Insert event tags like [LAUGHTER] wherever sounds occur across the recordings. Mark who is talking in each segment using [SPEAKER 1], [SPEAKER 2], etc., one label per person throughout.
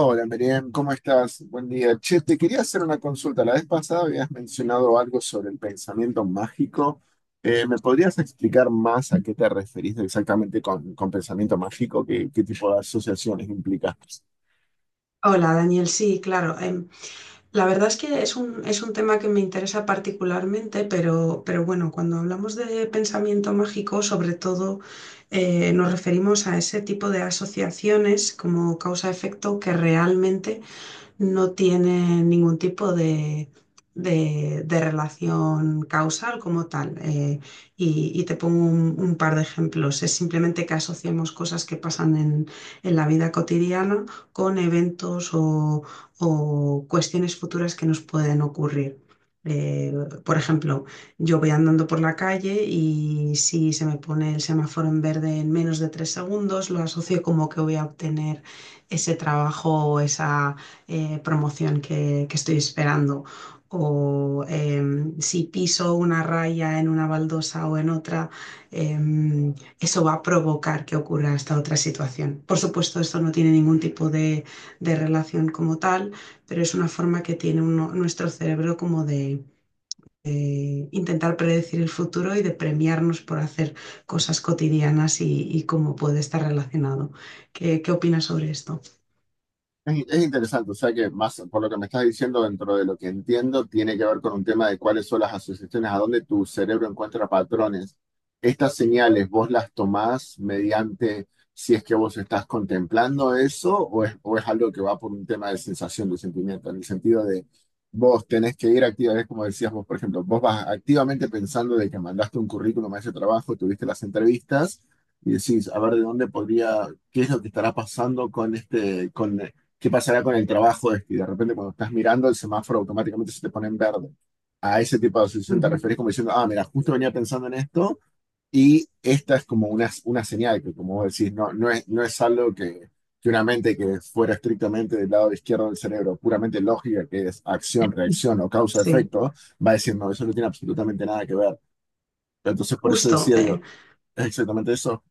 [SPEAKER 1] Hola, Miriam, ¿cómo estás? Buen día. Che, te quería hacer una consulta. La vez pasada habías mencionado algo sobre el pensamiento mágico. ¿Me podrías explicar más a qué te referís exactamente con pensamiento mágico? ¿Qué tipo de asociaciones implica?
[SPEAKER 2] Hola Daniel, sí, claro. La verdad es que es es un tema que me interesa particularmente, pero bueno, cuando hablamos de pensamiento mágico, sobre todo nos referimos a ese tipo de asociaciones como causa-efecto que realmente no tienen ningún tipo de, de relación causal como tal. Y te pongo un par de ejemplos. Es simplemente que asociemos cosas que pasan en la vida cotidiana con eventos o cuestiones futuras que nos pueden ocurrir. Eh, por ejemplo, yo voy andando por la calle y si se me pone el semáforo en verde en menos de 3 segundos, lo asocio como que voy a obtener ese trabajo o esa, promoción que estoy esperando o si piso una raya en una baldosa o en otra, eso va a provocar que ocurra esta otra situación. Por supuesto, esto no tiene ningún tipo de relación como tal, pero es una forma que tiene nuestro cerebro como de intentar predecir el futuro y de premiarnos por hacer cosas cotidianas y cómo puede estar relacionado. ¿Qué, qué opinas sobre esto?
[SPEAKER 1] Es interesante, o sea que más por lo que me estás diciendo, dentro de lo que entiendo, tiene que ver con un tema de cuáles son las asociaciones, a dónde tu cerebro encuentra patrones. Estas señales, ¿vos las tomás mediante si es que vos estás contemplando eso o es algo que va por un tema de sensación, de sentimiento, en el sentido de vos tenés que ir activamente, como decías vos? Por ejemplo, vos vas activamente pensando de que mandaste un currículum a ese trabajo, tuviste las entrevistas y decís, a ver, ¿de dónde podría, qué es lo que estará pasando con este, con ¿qué pasará con el trabajo? Es que de repente cuando estás mirando el semáforo automáticamente se te pone en verde. A ese tipo de asociación te
[SPEAKER 2] Ujú.
[SPEAKER 1] refieres como diciendo, ah, mira, justo venía pensando en esto y esta es como una señal que, como vos decís, no, no es algo que una mente que fuera estrictamente del lado izquierdo del cerebro, puramente lógica, que es acción, reacción o
[SPEAKER 2] Sí.
[SPEAKER 1] causa-efecto, va a decir, no, eso no tiene absolutamente nada que ver. Entonces, por eso
[SPEAKER 2] Justo,
[SPEAKER 1] decía, digo, ¿es exactamente eso?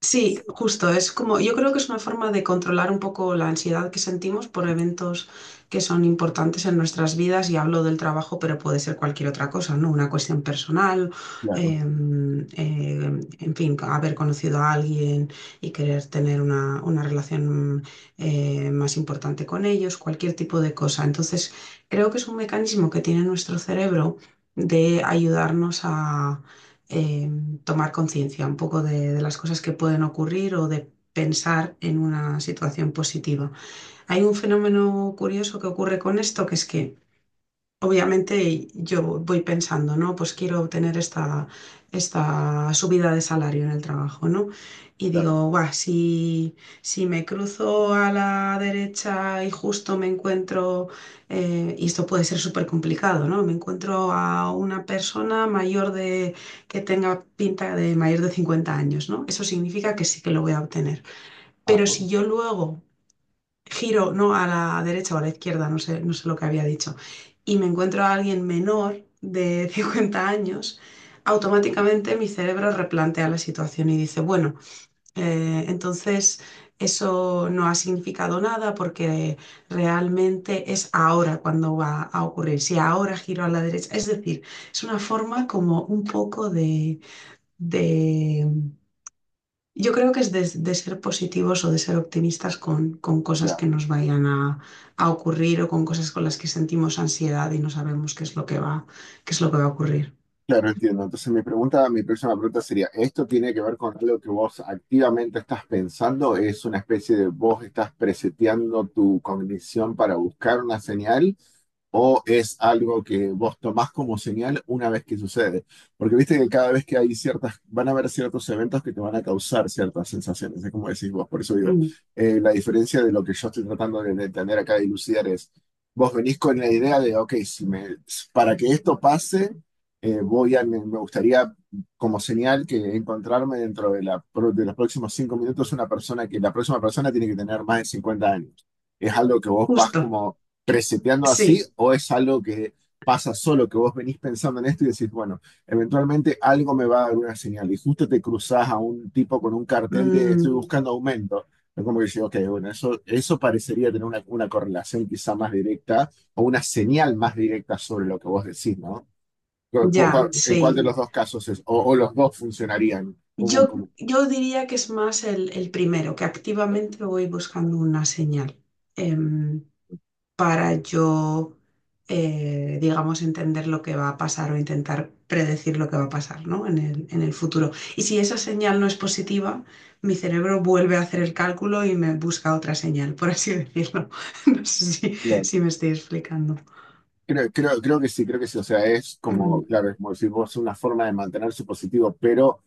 [SPEAKER 2] sí, justo. Es como, yo creo que es una forma de controlar un poco la ansiedad que sentimos por eventos que son importantes en nuestras vidas, y hablo del trabajo, pero puede ser cualquier otra cosa, ¿no? Una cuestión personal,
[SPEAKER 1] Claro,
[SPEAKER 2] eh, en fin, haber conocido a alguien y querer tener una relación más importante con ellos, cualquier tipo de cosa. Entonces, creo que es un mecanismo que tiene nuestro cerebro de ayudarnos a... em, tomar conciencia un poco de, las cosas que pueden ocurrir o de pensar en una situación positiva. Hay un fenómeno curioso que ocurre con esto, que es que obviamente yo voy pensando, ¿no? Pues quiero obtener esta, esta subida de salario en el trabajo, ¿no? Y
[SPEAKER 1] claro,
[SPEAKER 2] digo, buah, si, si me cruzo a la derecha y justo me encuentro, y esto puede ser súper complicado, ¿no? Me encuentro a una persona mayor de, que tenga pinta de mayor de 50 años, ¿no? Eso significa que sí que lo voy a obtener. Pero
[SPEAKER 1] ajá,
[SPEAKER 2] si yo luego giro, no, a la derecha o a la izquierda, no sé, no sé lo que había dicho, y me encuentro a alguien menor de [LAUGHS] 50 años, automáticamente mi cerebro replantea la situación y dice, bueno, entonces eso no ha significado nada porque realmente es ahora cuando va a ocurrir, si ahora giro a la derecha, es decir, es una forma como un poco de yo creo que es de ser positivos o de ser optimistas con cosas
[SPEAKER 1] claro.
[SPEAKER 2] que nos vayan a ocurrir o con cosas con las que sentimos ansiedad y no sabemos qué es lo que va, qué es lo que va a ocurrir.
[SPEAKER 1] Claro, entiendo. Entonces mi pregunta, mi próxima pregunta sería, ¿esto tiene que ver con algo que vos activamente estás pensando? ¿Es una especie de vos estás preseteando tu cognición para buscar una señal? ¿O es algo que vos tomás como señal una vez que sucede? Porque viste que cada vez que hay ciertas, van a haber ciertos eventos que te van a causar ciertas sensaciones, es como decís vos. Por eso digo,
[SPEAKER 2] Mm,
[SPEAKER 1] la diferencia de lo que yo estoy tratando de entender acá y dilucidar es, vos venís con la idea de, ok, si me, para que esto pase, voy a, me gustaría como señal que encontrarme dentro de, de los próximos 5 minutos una persona, que la próxima persona tiene que tener más de 50 años. ¿Es algo que vos vas
[SPEAKER 2] justo,
[SPEAKER 1] como preseteando así
[SPEAKER 2] sí,
[SPEAKER 1] o es algo que pasa solo, que vos venís pensando en esto y decís, bueno, eventualmente algo me va a dar una señal y justo te cruzás a un tipo con un cartel de estoy
[SPEAKER 2] mm,
[SPEAKER 1] buscando aumento? Es como que digo, ok, bueno, eso parecería tener una correlación quizá más directa o una señal más directa sobre lo que vos decís, ¿no? ¿Cu- cu-
[SPEAKER 2] ya,
[SPEAKER 1] cu- ¿En cuál de
[SPEAKER 2] sí.
[SPEAKER 1] los dos casos es? O los dos funcionarían.
[SPEAKER 2] Yo diría que es más el primero, que activamente voy buscando una señal. Em, para yo, digamos, entender lo que va a pasar o intentar predecir lo que va a pasar, ¿no? En en el futuro. Y si esa señal no es positiva, mi cerebro vuelve a hacer el cálculo y me busca otra señal, por así decirlo. [LAUGHS] No sé si,
[SPEAKER 1] Claro.
[SPEAKER 2] si me estoy explicando.
[SPEAKER 1] Creo que sí, creo que sí. O sea, es como,
[SPEAKER 2] Mm,
[SPEAKER 1] claro, es como si vos una forma de mantener su positivo, pero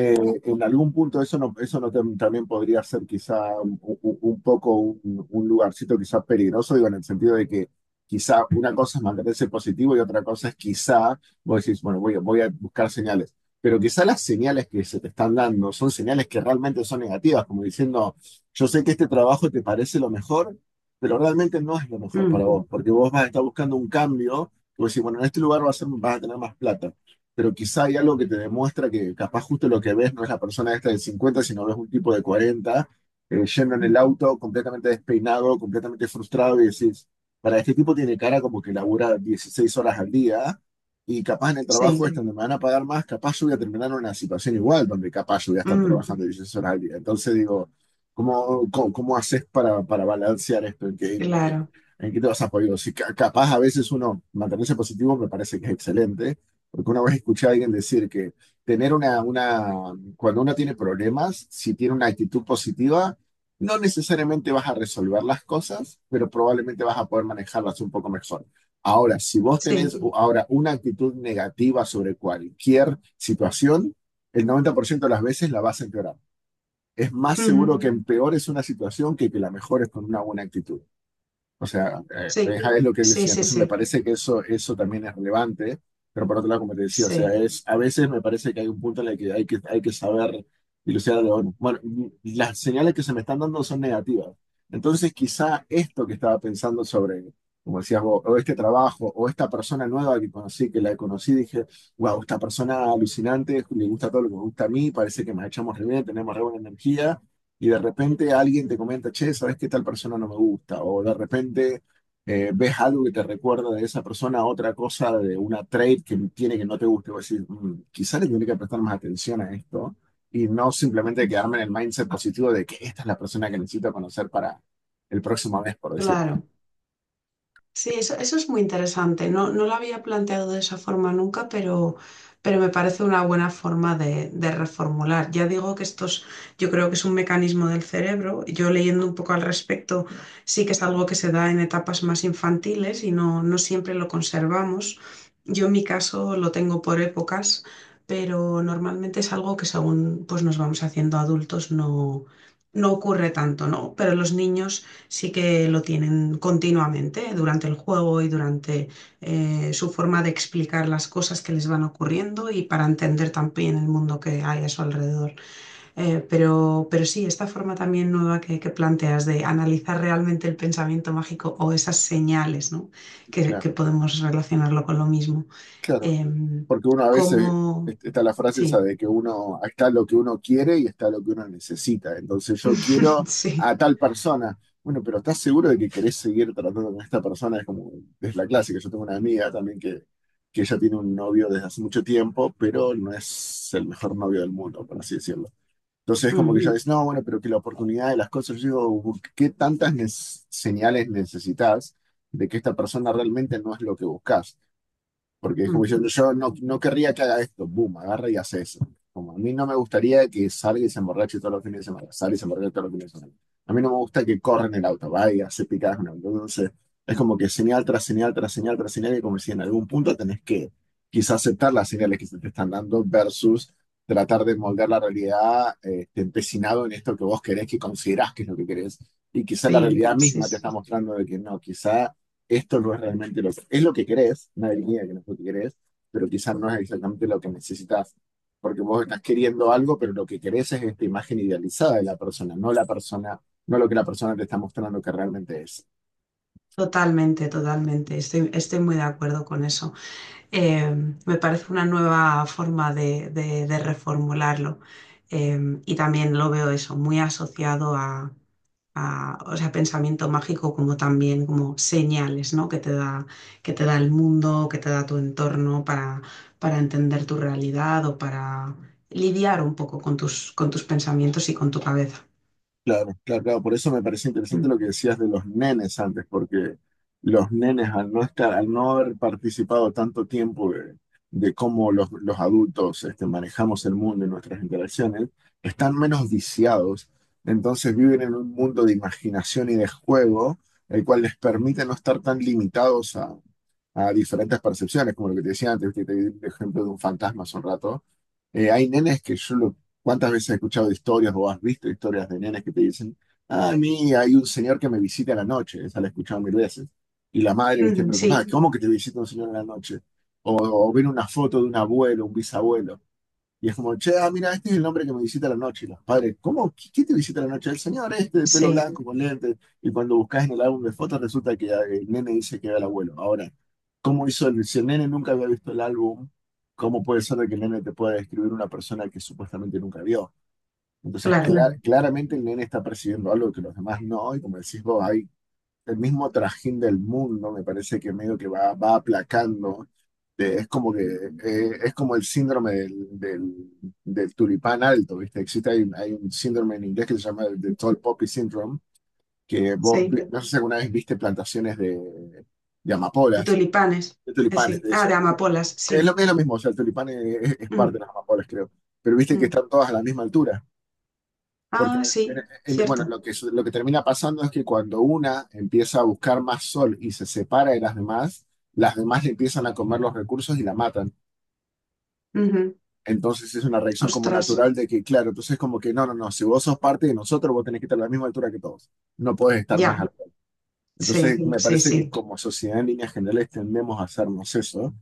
[SPEAKER 1] Eh, en algún punto eso no también podría ser quizá un poco un lugarcito quizá peligroso, digo, en el sentido de que quizá una cosa es mantenerse positivo y otra cosa es quizá, vos decís, bueno, voy a buscar señales, pero quizá las señales que se te están dando son señales que realmente son negativas, como diciendo, yo sé que este trabajo te parece lo mejor, pero realmente no es lo mejor
[SPEAKER 2] mm,
[SPEAKER 1] para vos, porque vos vas a estar buscando un cambio, y vos decís, bueno, en este lugar vas a tener más plata, pero quizá hay algo que te demuestra que capaz justo lo que ves no es la persona esta de 50, sino ves un tipo de 40, yendo en el auto completamente despeinado, completamente frustrado y decís, para este tipo tiene cara como que labura 16 horas al día y capaz en el trabajo
[SPEAKER 2] sí,
[SPEAKER 1] este donde me van a pagar más, capaz yo voy a terminar en una situación igual, donde capaz yo voy a estar
[SPEAKER 2] mm,
[SPEAKER 1] trabajando 16 horas al día. Entonces digo, ¿cómo haces para balancear esto? ¿En qué,
[SPEAKER 2] claro,
[SPEAKER 1] en qué te vas a apoyar? Si capaz a veces uno mantenerse positivo me parece que es excelente, porque una vez escuché a alguien decir que tener cuando uno tiene problemas, si tiene una actitud positiva, no necesariamente vas a resolver las cosas, pero probablemente vas a poder manejarlas un poco mejor. Ahora, si vos tenés
[SPEAKER 2] sí,
[SPEAKER 1] ahora una actitud negativa sobre cualquier situación, el 90% de las veces la vas a empeorar. Es más seguro
[SPEAKER 2] ujú,
[SPEAKER 1] que empeores una situación que la mejores con una buena actitud. O sea,
[SPEAKER 2] sí,
[SPEAKER 1] es lo que él
[SPEAKER 2] sí,
[SPEAKER 1] decía.
[SPEAKER 2] sí,
[SPEAKER 1] Entonces me
[SPEAKER 2] sí,
[SPEAKER 1] parece que eso también es relevante, pero por otro lado, como te decía, o sea,
[SPEAKER 2] sí,
[SPEAKER 1] es, a veces me parece que hay un punto en el que hay que saber dilucidar. Bueno, las señales que se me están dando son negativas. Entonces quizá esto que estaba pensando sobre, como decías vos, o este trabajo, o esta persona nueva que conocí, que la conocí, dije, wow, esta persona alucinante, le gusta todo lo que me gusta a mí, parece que nos echamos re bien, tenemos re buena energía y de repente alguien te comenta, che, ¿sabes qué tal persona no me gusta? O de repente ves algo que te recuerda de esa persona, otra cosa de una trait que tiene que no te guste. O decir, "Mm, quizá le tendría que prestar más atención a esto y no simplemente quedarme en el mindset positivo de que esta es la persona que necesito conocer para el próximo mes", por decir.
[SPEAKER 2] claro. Sí, eso es muy interesante. No, no lo había planteado de esa forma nunca, pero me parece una buena forma de reformular. Ya digo que esto es- yo creo que es un mecanismo del cerebro. Yo leyendo un poco al respecto, sí que es algo que se da en etapas más infantiles y no, no siempre lo conservamos. Yo en mi caso lo tengo por épocas, pero normalmente es algo que según pues, nos vamos haciendo adultos no, no ocurre tanto, ¿no? Pero los niños sí que lo tienen continuamente durante el juego y durante su forma de explicar las cosas que les van ocurriendo y para entender también el mundo que hay a su alrededor. Pero sí, esta forma también nueva que, planteas de analizar realmente el pensamiento mágico o esas señales, ¿no? Que,
[SPEAKER 1] Claro,
[SPEAKER 2] podemos relacionarlo con lo mismo.
[SPEAKER 1] claro.
[SPEAKER 2] Eh,
[SPEAKER 1] Porque uno a veces
[SPEAKER 2] Como...
[SPEAKER 1] está la frase esa
[SPEAKER 2] sí,
[SPEAKER 1] de que uno está lo que uno quiere y está lo que uno necesita. Entonces yo
[SPEAKER 2] [LAUGHS]
[SPEAKER 1] quiero
[SPEAKER 2] sí.
[SPEAKER 1] a tal persona. Bueno, pero ¿estás seguro de que querés seguir tratando con esta persona? Es como, es la clásica. Yo tengo una amiga también que ella tiene un novio desde hace mucho tiempo, pero no es el mejor novio del mundo, por así decirlo. Entonces es como que
[SPEAKER 2] Mm,
[SPEAKER 1] ella Sí. dice, no, bueno, pero que la oportunidad de las cosas, yo digo, ¿qué tantas señales necesitas de que esta persona realmente no es lo que buscas? Porque es como
[SPEAKER 2] mm,
[SPEAKER 1] diciendo, yo no, no querría que haga esto, boom, agarra y hace eso. Como a mí no me gustaría que salga y se emborrache todos los fines de semana, salga y se emborrache todos los fines de semana. A mí no me gusta que corra en el auto, va y hace picadas con el auto. Entonces, es como que señal tras señal, tras señal, tras señal, y como si en algún punto tenés que quizás aceptar las señales que se te están dando versus tratar de moldear la realidad, empecinado en esto que vos querés, que considerás que es lo que querés. Y quizás la
[SPEAKER 2] sí,
[SPEAKER 1] realidad
[SPEAKER 2] sí,
[SPEAKER 1] misma te está
[SPEAKER 2] sí.
[SPEAKER 1] mostrando de que no, quizás esto no es realmente lo que, es lo que querés. Nadie niega que no es lo que querés, pero quizás no es exactamente lo que necesitas, porque vos estás queriendo algo, pero lo que querés es esta imagen idealizada de la persona, no lo que la persona te está mostrando que realmente es.
[SPEAKER 2] Totalmente, totalmente. Estoy, estoy muy de acuerdo con eso. Eh, Me parece una nueva forma de, de reformularlo. Eh, y también lo veo eso, muy asociado a, o sea, pensamiento mágico como también como señales, ¿no? Que te da el mundo, que te da tu entorno para entender tu realidad o para lidiar un poco con tus pensamientos y con tu cabeza.
[SPEAKER 1] Claro, claro, claro. Por eso me parece interesante
[SPEAKER 2] Mm.
[SPEAKER 1] lo que decías de los nenes antes, porque los nenes al no estar, al no haber participado tanto tiempo de cómo los adultos este, manejamos el mundo y nuestras interacciones, están menos viciados. Entonces viven en un mundo de imaginación y de juego, el cual les permite no estar tan limitados a diferentes percepciones, como lo que te decía antes, que te di el ejemplo de un fantasma hace un rato. Hay nenes que ¿cuántas veces he escuchado de historias o has visto historias de nenes que te dicen, ah, a mí hay un señor que me visita en la noche? Esa la he escuchado 1000 veces. Y la
[SPEAKER 2] [LAUGHS]
[SPEAKER 1] madre, viste,
[SPEAKER 2] Ujú,
[SPEAKER 1] preocupada,
[SPEAKER 2] sí,
[SPEAKER 1] ¿cómo que te visita un señor en la noche? O ven una foto de un abuelo, un bisabuelo. Y es como, che, ah, mira, este es el nombre que me visita a la noche. Y los padres, ¿cómo? Quién te visita a la noche? El señor este de pelo
[SPEAKER 2] sí,
[SPEAKER 1] blanco con lentes. Y cuando buscas en el álbum de fotos, resulta que ah, el nene dice que era el abuelo. Ahora, ¿cómo hizo el, si el nene nunca había visto el álbum, ¿cómo puede ser de que el nene te pueda describir una persona que supuestamente nunca vio? Entonces,
[SPEAKER 2] claro,
[SPEAKER 1] Claramente el nene está percibiendo algo que los demás no. Y como decís vos, hay el mismo trajín del mundo, me parece que medio que va aplacando. Es como que es como el síndrome del tulipán alto, ¿viste? Existe, un hay un síndrome en inglés que se llama el de Tall Poppy Syndrome, que vos,
[SPEAKER 2] sí.
[SPEAKER 1] no sé si alguna vez viste plantaciones de
[SPEAKER 2] De
[SPEAKER 1] amapolas,
[SPEAKER 2] tulipanes,
[SPEAKER 1] de tulipanes,
[SPEAKER 2] sí.
[SPEAKER 1] de
[SPEAKER 2] Ah,
[SPEAKER 1] eso.
[SPEAKER 2] de amapolas,
[SPEAKER 1] Es lo,
[SPEAKER 2] sí.
[SPEAKER 1] es lo mismo, o sea, el tulipán es parte
[SPEAKER 2] Mm,
[SPEAKER 1] de las amapolas, creo. Pero viste que
[SPEAKER 2] mm.
[SPEAKER 1] están todas a la misma altura. Porque,
[SPEAKER 2] Ah, sí,
[SPEAKER 1] en- bueno,
[SPEAKER 2] cierto.
[SPEAKER 1] lo que termina pasando es que cuando una empieza a buscar más sol y se separa de las demás le empiezan a comer los recursos y la matan.
[SPEAKER 2] Ujú.
[SPEAKER 1] Entonces es una reacción como
[SPEAKER 2] Ostras,
[SPEAKER 1] natural de que, claro, entonces como que no, si vos sos parte de nosotros, vos tenés que estar a la misma altura que todos. No podés estar más
[SPEAKER 2] ya,
[SPEAKER 1] alto. Entonces
[SPEAKER 2] sí,
[SPEAKER 1] me
[SPEAKER 2] sí,
[SPEAKER 1] parece que
[SPEAKER 2] sí,
[SPEAKER 1] como sociedad en líneas generales tendemos a hacernos eso,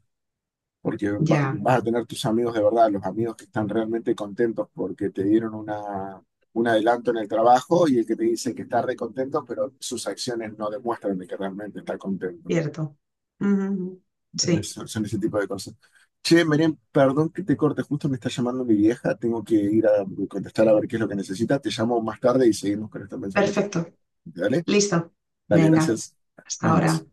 [SPEAKER 1] porque
[SPEAKER 2] ya,
[SPEAKER 1] vas a tener tus amigos de verdad, los amigos que están realmente contentos porque te dieron un adelanto en el trabajo, y el que te dice que está re contento, pero sus acciones no demuestran de que realmente está contento.
[SPEAKER 2] cierto. Ujú, ujú.
[SPEAKER 1] ¿Entendés?
[SPEAKER 2] Sí,
[SPEAKER 1] Son ese tipo de cosas. Che, Meren, perdón que te corte, justo me está llamando mi vieja, tengo que ir a contestar a ver qué es lo que necesita. Te llamo más tarde y seguimos con este pensamiento.
[SPEAKER 2] perfecto,
[SPEAKER 1] Dale,
[SPEAKER 2] listo.
[SPEAKER 1] dale,
[SPEAKER 2] Venga,
[SPEAKER 1] gracias.
[SPEAKER 2] hasta
[SPEAKER 1] Nos vemos.
[SPEAKER 2] ahora.